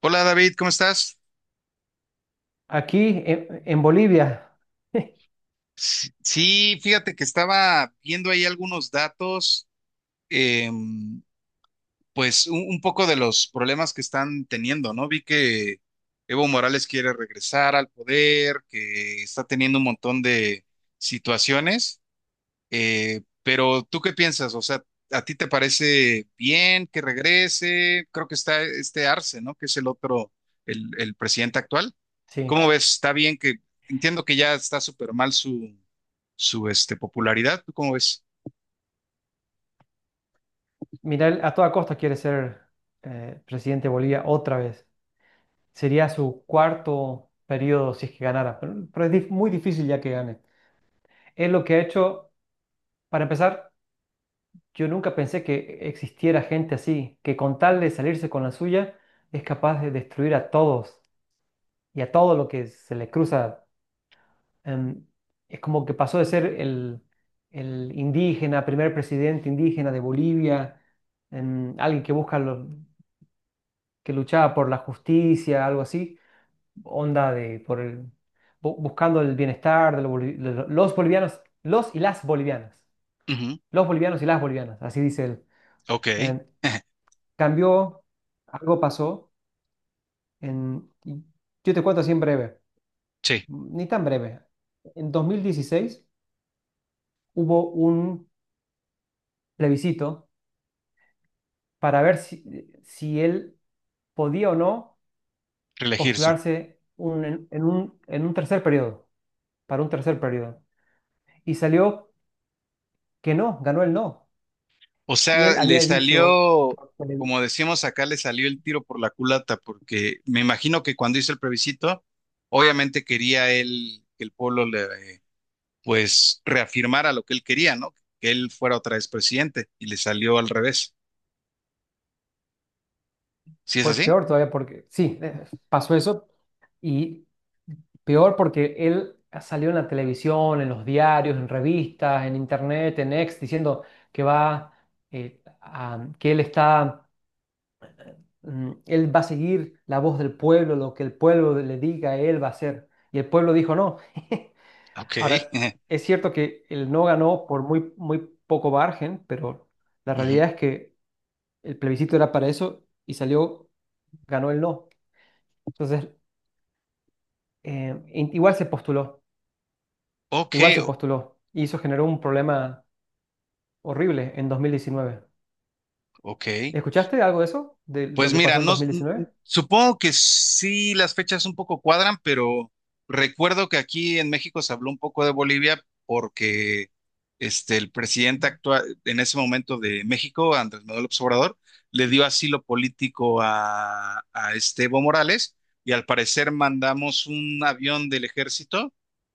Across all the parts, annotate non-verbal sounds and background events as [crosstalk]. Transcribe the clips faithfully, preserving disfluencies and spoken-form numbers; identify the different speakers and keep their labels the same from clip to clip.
Speaker 1: Hola David, ¿cómo estás?
Speaker 2: Aquí en, en Bolivia, [laughs]
Speaker 1: Sí, fíjate que estaba viendo ahí algunos datos, em, pues un, un poco de los problemas que están teniendo, ¿no? Vi que Evo Morales quiere regresar al poder, que está teniendo un montón de situaciones. Eh, pero ¿tú qué piensas? O sea, ¿a ti te parece bien que regrese? Creo que está este Arce, ¿no? Que es el otro, el, el presidente actual.
Speaker 2: sí,
Speaker 1: ¿Cómo ves? ¿Está bien que... Entiendo que ya está súper mal su su este, popularidad? ¿Tú cómo ves?
Speaker 2: Milei a toda costa quiere ser eh, presidente de Bolivia otra vez. Sería su cuarto periodo si es que ganara, pero, pero es dif- muy difícil ya que gane. Es lo que ha hecho, para empezar. Yo nunca pensé que existiera gente así, que con tal de salirse con la suya es capaz de destruir a todos y a todo lo que se le cruza. em, es como que pasó de ser el, el indígena, primer presidente indígena de Bolivia. Em, alguien que busca lo- que luchaba por la justicia, algo así, onda de por el, bu- buscando el bienestar de, los boli- de lo- los bolivianos, los y las bolivianas,
Speaker 1: Ujú.
Speaker 2: los bolivianos y las bolivianas, así dice él.
Speaker 1: Ok.
Speaker 2: Em,
Speaker 1: [laughs]
Speaker 2: Cambió, algo pasó, en, y yo te cuento así en breve,
Speaker 1: sí,
Speaker 2: ni tan breve. En dos mil dieciséis hubo un plebiscito para ver si, si él podía o no
Speaker 1: reelegirse.
Speaker 2: postularse un- en, en un, en un tercer periodo, para un tercer periodo. Y salió que no, ganó el no.
Speaker 1: O
Speaker 2: Y
Speaker 1: sea,
Speaker 2: él
Speaker 1: le
Speaker 2: había dicho,
Speaker 1: salió, como decíamos acá, le salió el tiro por la culata, porque me imagino que cuando hizo el plebiscito, obviamente quería él que el pueblo le, eh, pues, reafirmara lo que él quería, ¿no? Que él fuera otra vez presidente, y le salió al revés. ¿Sí es
Speaker 2: fue
Speaker 1: así?
Speaker 2: peor todavía porque, sí, eh, pasó eso, y peor porque él salió en la televisión, en los diarios, en revistas, en internet, en X, diciendo que va, eh, a- que él está, mm, él va a seguir la voz del pueblo, lo que el pueblo le diga, él va a hacer. Y el pueblo dijo no. [laughs]
Speaker 1: Ok.
Speaker 2: Ahora,
Speaker 1: [laughs]
Speaker 2: es cierto que él no ganó por muy, muy poco margen, pero la
Speaker 1: Ujú.
Speaker 2: realidad es que el plebiscito era para eso y salió, ganó el no. Entonces, eh, in- igual se postuló,
Speaker 1: Ok,
Speaker 2: igual se
Speaker 1: o-
Speaker 2: postuló. Y eso generó un problema horrible en dos mil diecinueve.
Speaker 1: ok.
Speaker 2: ¿Escuchaste algo de eso? ¿De lo
Speaker 1: Pues
Speaker 2: que
Speaker 1: mira,
Speaker 2: pasó en
Speaker 1: no,
Speaker 2: dos mil diecinueve?
Speaker 1: supongo que sí las fechas un poco cuadran, pero recuerdo que aquí en México se habló un poco de Bolivia porque este, el presidente actual en ese momento de México, Andrés Manuel López Obrador, le dio asilo político a, a este Evo Morales y al parecer mandamos un avión del ejército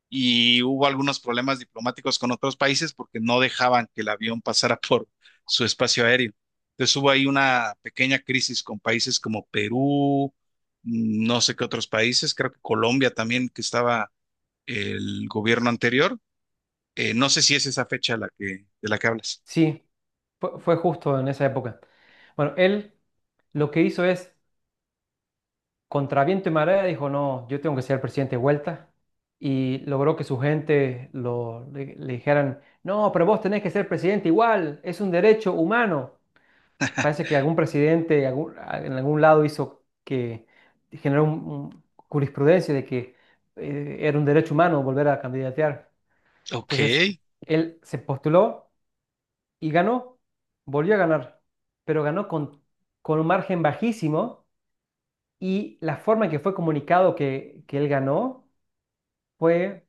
Speaker 1: y hubo algunos problemas diplomáticos con otros países porque no dejaban que el avión pasara [laughs] por su espacio aéreo. Entonces hubo ahí una pequeña crisis con países como Perú, mm, no sé qué otros países, creo que Colombia también, que estaba el gobierno anterior. Eh, no sé si es esa fecha la que, de la que hablas.
Speaker 2: Sí, fue, fue justo en esa época. Bueno, él lo que hizo es, contra viento y marea, dijo, no, yo tengo que ser presidente de vuelta. Y logró que su gente lo, le, le dijeran, no, pero vos tenés que ser presidente igual, es un derecho humano. Parece que algún presidente algún- en algún lado hizo que generó un- un jurisprudencia de que eh, era un derecho humano volver a candidatear.
Speaker 1: Ok,
Speaker 2: Entonces, él se postuló y ganó, volvió a ganar, pero ganó con, con un margen bajísimo, y la forma en que fue comunicado que, que él ganó fue,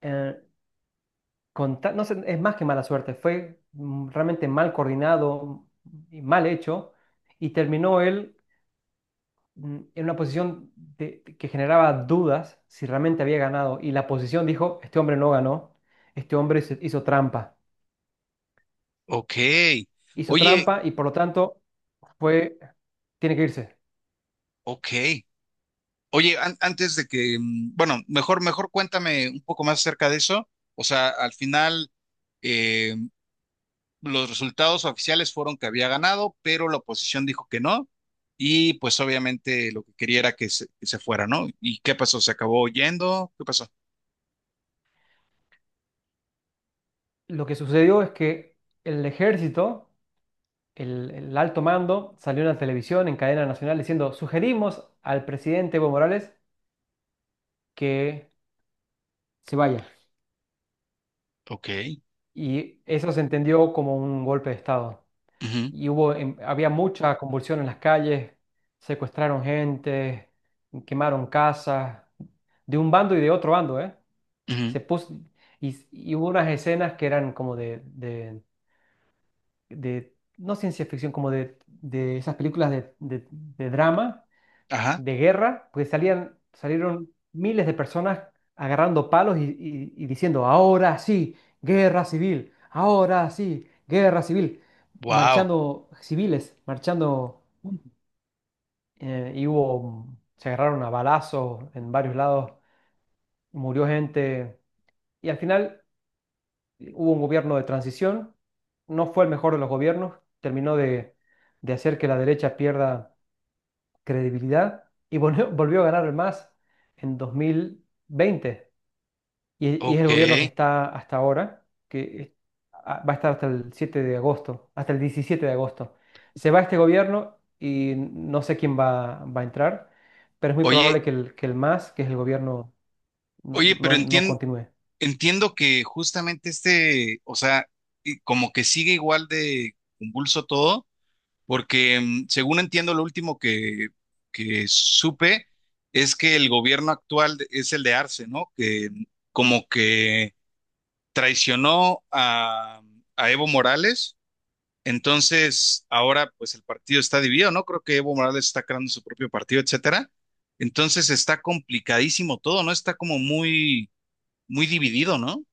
Speaker 2: eh, con ta- no sé, es más que mala suerte, fue, mm, realmente mal coordinado y mal hecho, y terminó él, mm, en una posición de- que generaba dudas si realmente había ganado, y la posición dijo, este hombre no ganó, este hombre hizo hizo trampa,
Speaker 1: ok.
Speaker 2: hizo
Speaker 1: Oye,
Speaker 2: trampa, y por lo tanto fue, tiene que irse.
Speaker 1: ok. Oye, an- antes de que, mm, bueno, mejor, mejor cuéntame un poco más acerca de eso. O sea, al final los resultados oficiales fueron que había ganado, pero la oposición dijo que no. Y pues obviamente lo que quería era que se, que se fuera, ¿no? ¿Y qué pasó? ¿Se acabó yendo? ¿Qué pasó?
Speaker 2: Lo que sucedió es que el ejército, el, el alto mando, salió en la televisión, en cadena nacional, diciendo, sugerimos al presidente Evo Morales que se vaya.
Speaker 1: Ok.
Speaker 2: Y eso se entendió como un golpe de Estado.
Speaker 1: Ujú,
Speaker 2: Y hubo, em, había mucha convulsión en las calles, secuestraron gente, quemaron casas, de un bando y de otro bando, ¿eh?
Speaker 1: ujú.
Speaker 2: Se puso, y, y hubo unas escenas que eran como de de de, no ciencia ficción, como de, de esas películas de, de- de drama,
Speaker 1: Ajá.
Speaker 2: de guerra, pues salían, salieron miles de personas agarrando palos y, y- y diciendo, ahora sí, guerra civil, ahora sí, guerra civil,
Speaker 1: Wow.
Speaker 2: marchando civiles, marchando, eh, y hubo, se agarraron a balazos en varios lados, murió gente, y al final. Hubo un gobierno de transición, no fue el mejor de los gobiernos, terminó de, de hacer que la derecha pierda credibilidad, y volvió, [laughs] volvió a ganar el MAS en dos mil veinte. Y, y es el
Speaker 1: Ok.
Speaker 2: gobierno que está hasta ahora, que es- a- va a estar hasta el siete de agosto, hasta el diecisiete de agosto. Se va este gobierno y no sé quién va, va a entrar, pero es muy
Speaker 1: Oye,
Speaker 2: probable que el, que el MAS, que es el gobierno, no,
Speaker 1: oye, pero
Speaker 2: no no
Speaker 1: entien-
Speaker 2: continúe.
Speaker 1: entiendo que justamente este, o sea, y como que sigue igual de convulso todo. Porque mm, según entiendo, lo último que, que supe es que el gobierno actual de- es el de Arce, ¿no? Que mm, como que traicionó a, a Evo Morales, entonces ahora pues el partido está dividido, ¿no? Creo que Evo Morales está creando su propio partido, etcétera. Entonces está complicadísimo todo, ¿no? Está como muy, muy dividido, ¿no?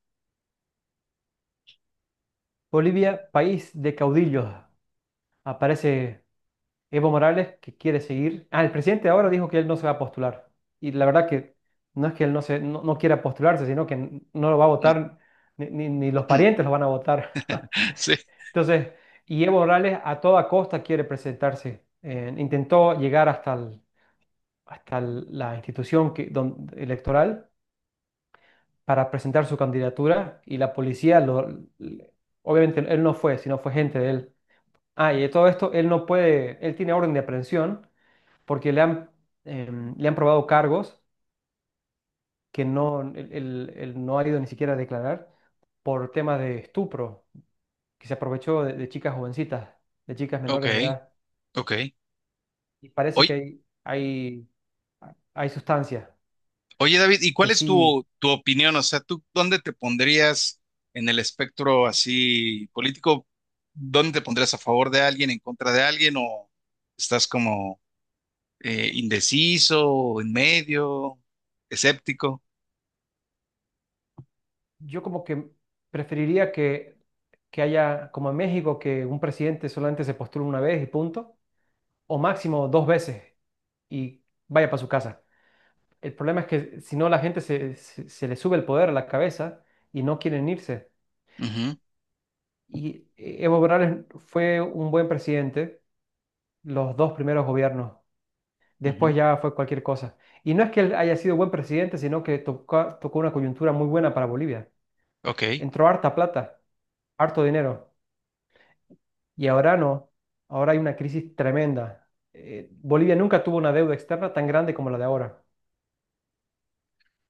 Speaker 2: Bolivia, país de caudillos. Aparece Evo Morales, que quiere seguir. Ah, el presidente ahora dijo que él no se va a postular. Y la verdad que no es que él no, se, no, no quiera postularse, sino que n- no lo va a
Speaker 1: No-
Speaker 2: votar, ni, ni- ni los parientes lo
Speaker 1: [laughs]
Speaker 2: van a votar.
Speaker 1: sí,
Speaker 2: [laughs] Entonces, y Evo Morales a toda costa quiere presentarse. Eh, intentó llegar hasta, el- hasta el- la institución que, don- electoral, para presentar su candidatura, y la policía, lo, le- obviamente él no fue, sino fue gente de él. Ah, y de todo esto, él no puede, él tiene orden de aprehensión porque le han, em, le han probado cargos que no, él, él- él no ha ido ni siquiera a declarar por temas de estupro, que se aprovechó de, de chicas jovencitas, de chicas
Speaker 1: ok,
Speaker 2: menores de edad.
Speaker 1: ok.
Speaker 2: Y parece que
Speaker 1: Oye,
Speaker 2: hay, hay, hay sustancias
Speaker 1: Oye, David, ¿y cuál
Speaker 2: que
Speaker 1: es
Speaker 2: sí.
Speaker 1: tu, tu opinión? O sea, ¿tú dónde te pondrías en el espectro así político? ¿Dónde te pondrías a favor de alguien, en contra de alguien? ¿O estás como eh, indeciso, o en medio, escéptico?
Speaker 2: Yo como que preferiría que, que haya, como en México, que un presidente solamente se postule una vez y punto, o máximo dos veces y vaya para su casa. El problema es que si no, la gente se, se, se le sube el poder a la cabeza y no quieren irse.
Speaker 1: Ujú,
Speaker 2: Y eh, Evo Morales fue un buen presidente los dos primeros gobiernos. Después
Speaker 1: ujú.
Speaker 2: ya fue cualquier cosa. Y no es que él haya sido buen presidente, sino que tocó, tocó una coyuntura muy buena para Bolivia.
Speaker 1: Ok.
Speaker 2: Entró harta plata, harto dinero. Y ahora no. Ahora hay una crisis tremenda. Eh, Bolivia nunca tuvo una deuda externa tan grande como la de ahora.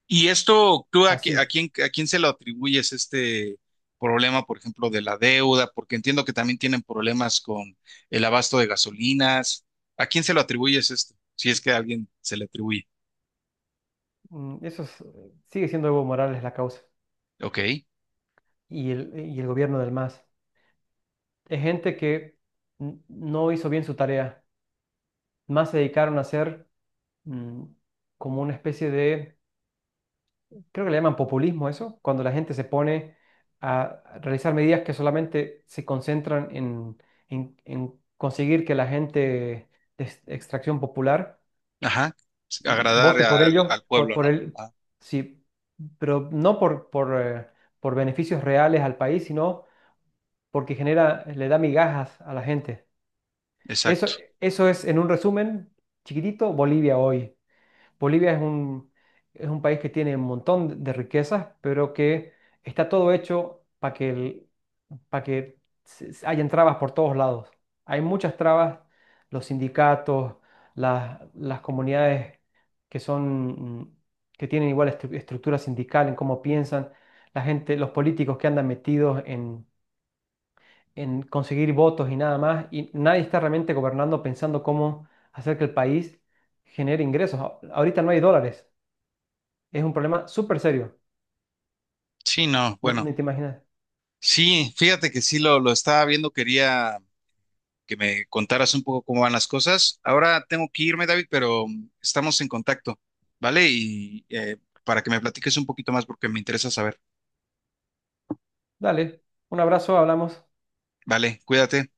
Speaker 1: ¿Y esto tú a, qui- a
Speaker 2: Así.
Speaker 1: quién, a quién se lo atribuyes este problema, por ejemplo, de la deuda? Porque entiendo que también tienen problemas con el abasto de gasolinas. ¿A quién se lo atribuyes esto? Si es que a alguien se le atribuye.
Speaker 2: Mm, Eso es- sigue siendo Evo Morales la causa.
Speaker 1: Ok,
Speaker 2: y el, y el gobierno del MAS. Es gente que n- no hizo bien su tarea. Más se dedicaron a hacer, mm, como una especie de, creo que le llaman populismo eso, cuando la gente se pone a realizar medidas que solamente se concentran en, en- en conseguir que la gente de ex- extracción popular
Speaker 1: ajá, agradar
Speaker 2: vote por
Speaker 1: al,
Speaker 2: ellos,
Speaker 1: al
Speaker 2: por,
Speaker 1: pueblo,
Speaker 2: por
Speaker 1: ¿no?
Speaker 2: el,
Speaker 1: Ah,
Speaker 2: sí, pero no por, por, eh, por beneficios reales al país, sino porque genera, le da migajas a la gente. Eso,
Speaker 1: exacto.
Speaker 2: eso es, en un resumen chiquitito, Bolivia hoy. Bolivia es un, es un país que tiene un montón de riquezas, pero que está todo hecho para que, para que se- se- hayan trabas por todos lados. Hay muchas trabas, los sindicatos, las, las comunidades que son, mm, que tienen igual estru- estructura sindical en cómo piensan, la gente, los políticos, que andan metidos en en conseguir votos y nada más, y nadie está realmente gobernando, pensando cómo hacer que el país genere ingresos. A- Ahorita no hay dólares, es un problema súper serio,
Speaker 1: Sí, no,
Speaker 2: no-
Speaker 1: bueno,
Speaker 2: ni te imaginas.
Speaker 1: sí, fíjate que sí lo, lo estaba viendo, quería que me contaras un poco cómo van las cosas. Ahora tengo que irme, David, pero mm, estamos en contacto, ¿vale? Y eh, para que me platiques un poquito más porque me interesa saber.
Speaker 2: Dale, un abrazo, hablamos.
Speaker 1: Vale, cuídate.